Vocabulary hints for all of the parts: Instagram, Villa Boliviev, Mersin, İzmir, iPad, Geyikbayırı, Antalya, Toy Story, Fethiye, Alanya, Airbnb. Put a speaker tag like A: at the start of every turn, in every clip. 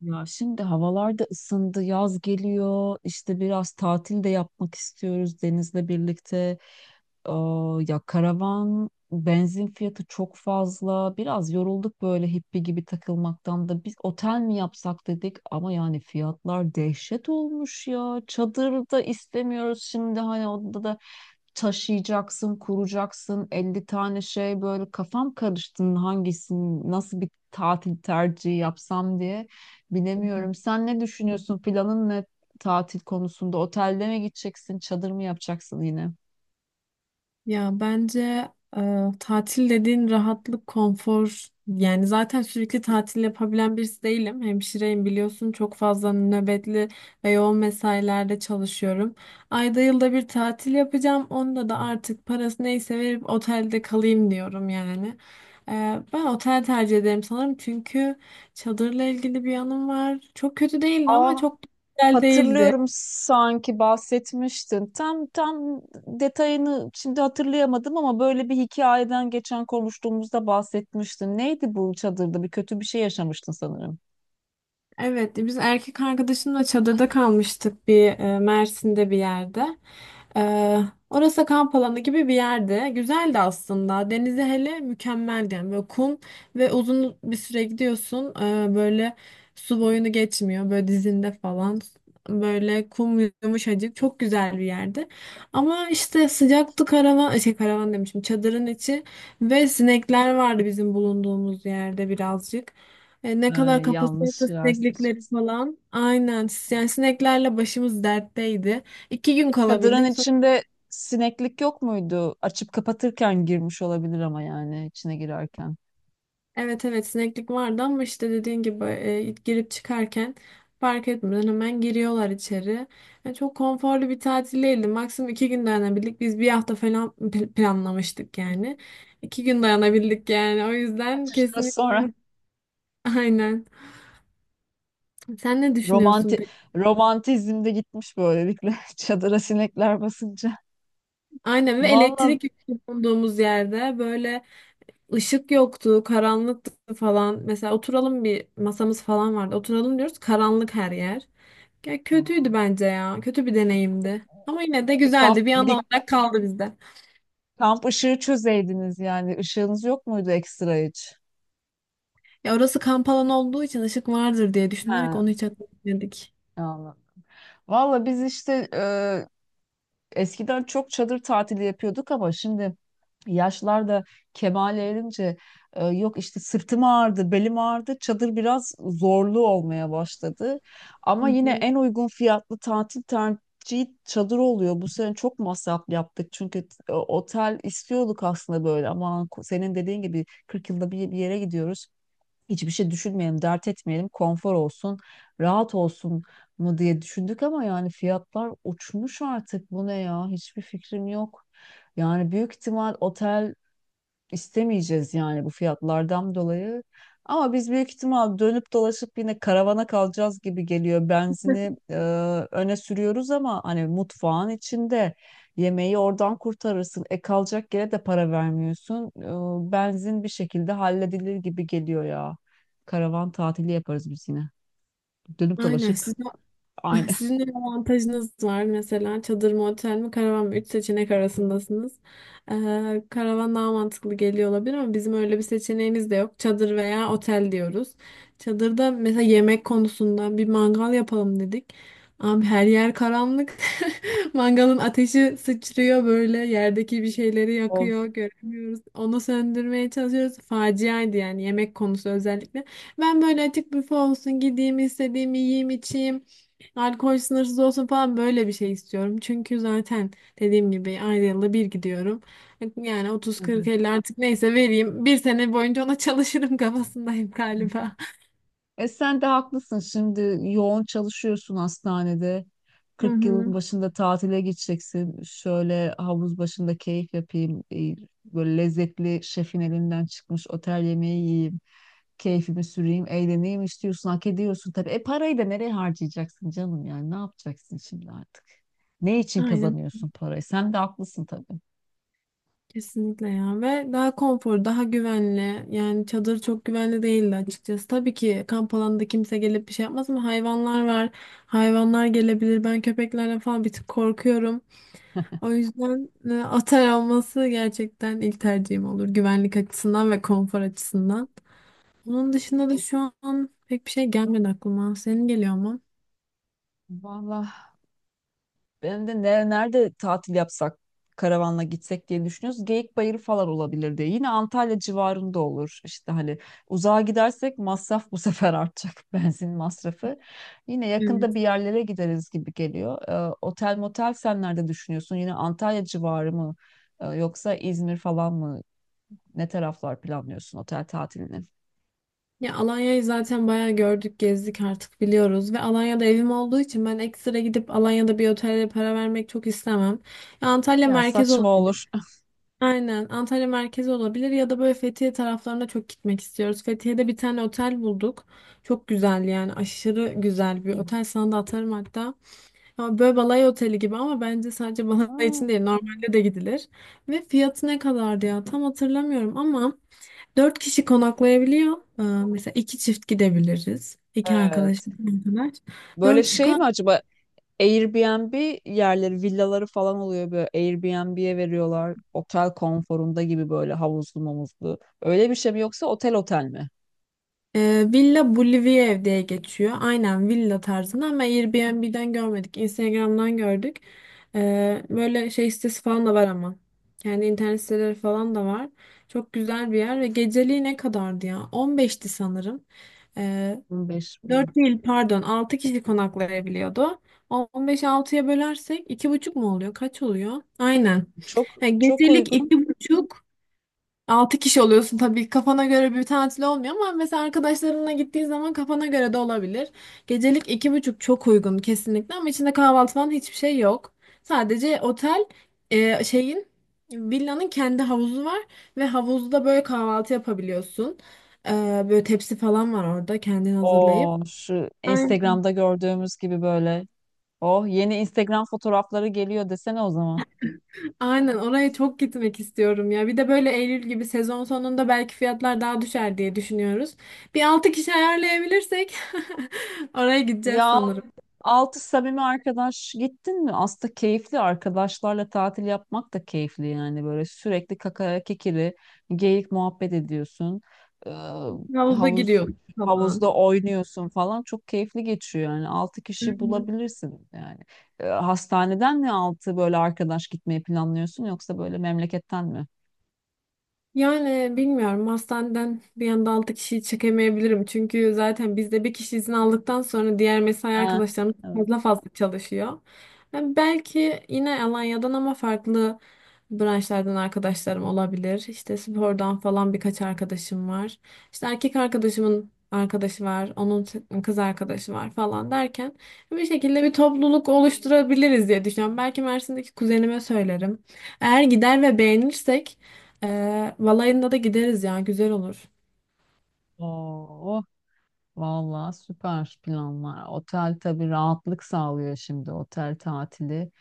A: Ya şimdi havalar da ısındı, yaz geliyor. İşte biraz tatil de yapmak istiyoruz denizle birlikte. Aa, ya karavan benzin fiyatı çok fazla. Biraz yorulduk böyle hippie gibi takılmaktan da. Biz otel mi yapsak dedik ama yani fiyatlar dehşet olmuş ya. Çadır da istemiyoruz şimdi, hani odada da taşıyacaksın, kuracaksın, elli tane şey. Böyle kafam karıştı, hangisini, nasıl bir tatil tercihi yapsam diye bilemiyorum. Sen ne düşünüyorsun? Planın ne tatil konusunda? Otelde mi gideceksin, çadır mı yapacaksın yine?
B: Ya bence e, tatil dediğin rahatlık, konfor yani zaten sürekli tatil yapabilen birisi değilim. Hemşireyim biliyorsun, çok fazla nöbetli ve yoğun mesailerde çalışıyorum. Ayda yılda bir tatil yapacağım. Onda da artık parası neyse verip otelde kalayım diyorum yani. Ben otel tercih ederim sanırım çünkü çadırla ilgili bir yanım var. Çok kötü değildi ama
A: Ah,
B: çok da güzel değildi.
A: hatırlıyorum sanki bahsetmiştin. Tam detayını şimdi hatırlayamadım ama böyle bir hikayeden geçen konuştuğumuzda bahsetmiştin. Neydi bu çadırda? Bir kötü bir şey yaşamıştın sanırım.
B: Evet, biz erkek arkadaşımla çadırda kalmıştık bir Mersin'de bir yerde. E, orası kamp alanı gibi bir yerde. Güzeldi aslında. Denizi hele mükemmeldi. Yani böyle kum ve uzun bir süre gidiyorsun. Böyle su boyunu geçmiyor. Böyle dizinde falan. Böyle kum yumuşacık. Çok güzel bir yerdi. Ama işte sıcaktı karavan. Şey, karavan demişim. Çadırın içi ve sinekler vardı bizim bulunduğumuz yerde birazcık. Ne
A: Ee,
B: kadar
A: Yanlış
B: kapasitesi
A: yer
B: sineklikleri
A: seçmişsin.
B: falan. Aynen. Yani sineklerle başımız dertteydi. İki gün
A: Çadırın
B: kalabildik.
A: içinde sineklik yok muydu? Açıp kapatırken girmiş olabilir ama yani içine girerken.
B: Evet, evet, sineklik vardı ama işte dediğin gibi girip çıkarken fark etmeden hemen giriyorlar içeri. Çok konforlu bir tatil değildi. Maksimum iki gün dayanabildik. Biz bir hafta falan planlamıştık yani. İki gün dayanabildik yani. O yüzden
A: Atıştıra sonra
B: kesinlikle. Aynen. Sen ne düşünüyorsun
A: romanti
B: peki?
A: romantizm de gitmiş böylelikle çadıra sinekler basınca.
B: Aynen, ve
A: Vallahi
B: elektrik yok bulunduğumuz yerde, böyle Işık yoktu, karanlıktı falan. Mesela oturalım, bir masamız falan vardı. Oturalım diyoruz, karanlık her yer. Ya kötüydü bence ya. Kötü bir
A: bir,
B: deneyimdi. Ama yine de
A: bir
B: güzeldi.
A: kamp
B: Bir an
A: bir
B: olarak kaldı bizde.
A: kamp ışığı çözeydiniz, yani ışığınız yok muydu ekstra hiç?
B: Ya orası kamp alanı olduğu için ışık vardır diye düşünerek onu hiç
A: He,
B: hatırlamadık.
A: anladım. Valla biz işte eskiden çok çadır tatili yapıyorduk ama şimdi yaşlar da kemale erince, yok işte sırtım ağrıdı, belim ağrıdı. Çadır biraz zorlu olmaya başladı.
B: Hı
A: Ama yine
B: hı.
A: en uygun fiyatlı tatil tercihi çadır oluyor. Bu sene çok masraf yaptık çünkü otel istiyorduk aslında böyle, ama senin dediğin gibi 40 yılda bir, bir yere gidiyoruz, hiçbir şey düşünmeyelim, dert etmeyelim, konfor olsun, rahat olsun mu diye düşündük, ama yani fiyatlar uçmuş artık. Bu ne ya? Hiçbir fikrim yok. Yani büyük ihtimal otel istemeyeceğiz yani, bu fiyatlardan dolayı. Ama biz büyük ihtimal dönüp dolaşıp yine karavana kalacağız gibi geliyor. Benzini öne sürüyoruz ama hani mutfağın içinde yemeği oradan kurtarırsın. E kalacak yere de para vermiyorsun. Benzin bir şekilde halledilir gibi geliyor ya. Karavan tatili yaparız biz yine. Dönüp
B: Aynen.
A: dolaşıp
B: Siz.
A: aynı.
B: Sizin de bir avantajınız var mesela, çadır mı, otel mi, karavan mı? Üç seçenek arasındasınız. Karavan daha mantıklı geliyor olabilir ama bizim öyle bir seçeneğimiz de yok. Çadır veya otel diyoruz. Çadırda mesela yemek konusunda bir mangal yapalım dedik. Abi her yer karanlık. Mangalın ateşi sıçrıyor böyle, yerdeki bir şeyleri
A: Of,
B: yakıyor, göremiyoruz. Onu söndürmeye çalışıyoruz. Faciaydı yani, yemek konusu özellikle. Ben böyle açık büfe olsun, gideyim istediğimi yiyeyim içeyim. Alkol sınırsız olsun falan, böyle bir şey istiyorum. Çünkü zaten dediğim gibi aynı yılda bir gidiyorum. Yani
A: tabii.
B: 30-40-50 artık neyse vereyim. Bir sene boyunca ona çalışırım kafasındayım
A: Hı.
B: galiba.
A: E sen de haklısın. Şimdi yoğun çalışıyorsun hastanede.
B: Hı
A: Kırk
B: hı.
A: yılın başında tatile gideceksin. Şöyle havuz başında keyif yapayım, böyle lezzetli şefin elinden çıkmış otel yemeği yiyeyim. Keyfimi süreyim, eğleneyim istiyorsun. Hak ediyorsun tabii. E parayı da nereye harcayacaksın canım yani? Ne yapacaksın şimdi artık? Ne için
B: Aynen,
A: kazanıyorsun parayı? Sen de haklısın tabii.
B: kesinlikle ya. Ve daha konfor, daha güvenli yani. Çadır çok güvenli değildi açıkçası. Tabii ki kamp alanında kimse gelip bir şey yapmaz ama hayvanlar var, hayvanlar gelebilir. Ben köpeklerden falan bir tık korkuyorum. O yüzden atar olması gerçekten ilk tercihim olur. Güvenlik açısından ve konfor açısından. Onun dışında da şu an pek bir şey gelmedi aklıma. Senin geliyor mu?
A: Vallahi benim de nerede tatil yapsak, karavanla gitsek diye düşünüyoruz. Geyikbayırı falan olabilir diye. Yine Antalya civarında olur. İşte hani uzağa gidersek masraf bu sefer artacak. Benzin masrafı. Yine yakında
B: Evet.
A: bir yerlere gideriz gibi geliyor. Otel motel sen nerede düşünüyorsun? Yine Antalya civarı mı? Yoksa İzmir falan mı? Ne taraflar planlıyorsun otel tatilini?
B: Ya Alanya'yı zaten bayağı gördük, gezdik, artık biliyoruz. Ve Alanya'da evim olduğu için ben ekstra gidip Alanya'da bir otele para vermek çok istemem. Ya Antalya
A: Ya
B: merkez
A: saçma
B: olabilir.
A: olur.
B: Aynen, Antalya merkez olabilir ya da böyle Fethiye taraflarına çok gitmek istiyoruz. Fethiye'de bir tane otel bulduk. Çok güzel, yani aşırı güzel bir otel. Sana da atarım hatta. Ha, Böyle balay oteli gibi ama bence sadece balay
A: Aa,
B: için değil, normalde de gidilir. Ve fiyatı ne kadardı ya, tam hatırlamıyorum ama 4 kişi konaklayabiliyor. Mesela iki çift gidebiliriz. İki arkadaş,
A: evet.
B: iki arkadaş.
A: Böyle
B: Dört kişi
A: şey mi
B: kon
A: acaba, Airbnb yerleri, villaları falan oluyor böyle. Airbnb'ye veriyorlar. Otel konforunda gibi, böyle havuzlu mamuzlu. Öyle bir şey mi, yoksa otel mi?
B: Villa Boliviev diye geçiyor. Aynen, villa tarzında ama Airbnb'den görmedik, Instagram'dan gördük. Böyle şey sitesi falan da var ama. Kendi internet siteleri falan da var. Çok güzel bir yer. Ve geceliği ne kadardı ya? 15'ti sanırım. Ee,
A: 15 bin.
B: 4 değil, pardon, 6 kişi konaklayabiliyordu. 15 altıya bölersek iki buçuk mu oluyor? Kaç oluyor? Aynen.
A: Çok
B: Yani
A: çok
B: gecelik
A: uygun.
B: iki buçuk, 6 kişi oluyorsun, tabii kafana göre bir tatil olmuyor ama mesela arkadaşlarınla gittiğin zaman kafana göre de olabilir. Gecelik iki buçuk çok uygun kesinlikle ama içinde kahvaltı falan hiçbir şey yok. Sadece otel şeyin, villanın kendi havuzu var ve havuzda böyle kahvaltı yapabiliyorsun. E, böyle tepsi falan var orada, kendin hazırlayıp.
A: O şu Instagram'da gördüğümüz gibi böyle. Oh, yeni Instagram fotoğrafları geliyor desene o zaman.
B: Aynen, oraya çok gitmek istiyorum ya. Bir de böyle Eylül gibi sezon sonunda belki fiyatlar daha düşer diye düşünüyoruz. Bir 6 kişi ayarlayabilirsek oraya gideceğiz
A: Ya,
B: sanırım.
A: altı samimi arkadaş gittin mi? Aslında keyifli arkadaşlarla tatil yapmak da keyifli yani, böyle sürekli kakara kikiri geyik muhabbet ediyorsun. Ee,
B: Havuza
A: havuz
B: giriyoruz falan.
A: havuzda oynuyorsun falan, çok keyifli geçiyor yani. Altı kişi bulabilirsin yani. Hastaneden mi altı böyle arkadaş gitmeyi planlıyorsun, yoksa böyle memleketten mi?
B: Yani bilmiyorum, hastaneden bir anda 6 kişiyi çekemeyebilirim. Çünkü zaten bizde bir kişi izin aldıktan sonra diğer mesai
A: Ha,
B: arkadaşlarımız
A: evet.
B: fazla fazla çalışıyor. Yani belki yine Alanya'dan ama farklı branşlardan arkadaşlarım olabilir. İşte spordan falan birkaç arkadaşım var. İşte erkek arkadaşımın arkadaşı var, onun kız arkadaşı var falan derken bir şekilde bir topluluk oluşturabiliriz diye düşünüyorum. Belki Mersin'deki kuzenime söylerim. Eğer gider ve beğenirsek Valayında da gideriz ya, güzel olur.
A: Oo, oh, vallahi süper planlar. Otel tabii rahatlık sağlıyor şimdi otel tatili.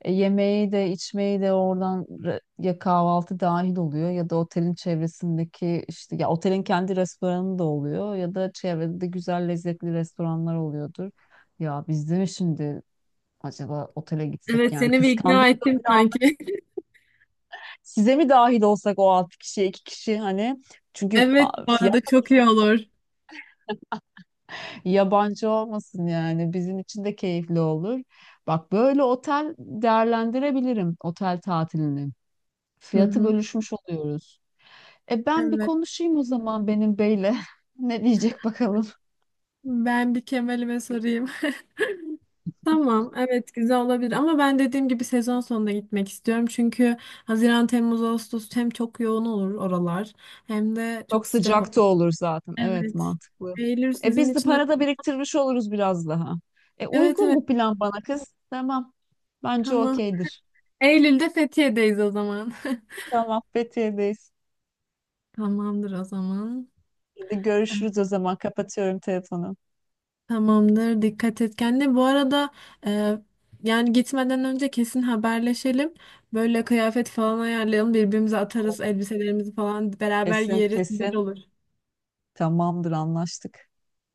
A: E, yemeği de içmeyi de oradan ya kahvaltı dahil oluyor, ya da otelin çevresindeki işte, ya otelin kendi restoranı da oluyor, ya da çevrede güzel lezzetli restoranlar oluyordur. Ya biz de mi şimdi acaba otele gitsek
B: Evet,
A: yani,
B: seni bir
A: kıskandım.
B: ikna ettim sanki.
A: Size mi dahil olsak, o altı kişi iki kişi, hani çünkü
B: Evet, bu
A: fiyat
B: arada çok iyi olur.
A: yabancı olmasın yani, bizim için de keyifli olur. Bak, böyle otel değerlendirebilirim otel tatilini.
B: Hı
A: Fiyatı
B: hı.
A: bölüşmüş oluyoruz. E ben bir
B: Evet.
A: konuşayım o zaman benim beyle. Ne diyecek bakalım.
B: Ben bir Kemal'ime sorayım. Tamam, evet güzel olabilir ama ben dediğim gibi sezon sonunda gitmek istiyorum. Çünkü Haziran, Temmuz, Ağustos hem çok yoğun olur oralar hem de
A: Çok
B: çok sıcak olur.
A: sıcak da olur zaten. Evet,
B: Evet.
A: mantıklı.
B: Eylül
A: E
B: sizin
A: biz de
B: için.
A: para da biriktirmiş oluruz biraz daha. E
B: Evet,
A: uygun
B: evet,
A: bu plan bana kız. Tamam. Bence
B: tamam.
A: okeydir.
B: Eylül'de Fethiye'deyiz o zaman.
A: Tamam, Fethiye'deyiz.
B: Tamamdır o zaman.
A: Hadi görüşürüz o zaman. Kapatıyorum telefonu.
B: Tamamdır. Dikkat et kendine. Bu arada e, yani gitmeden önce kesin haberleşelim. Böyle kıyafet falan ayarlayalım. Birbirimize atarız. Elbiselerimizi falan beraber
A: Kesin
B: giyeriz. Güzel
A: kesin.
B: olur.
A: Tamamdır, anlaştık.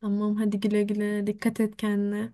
B: Tamam, hadi güle güle. Dikkat et kendine.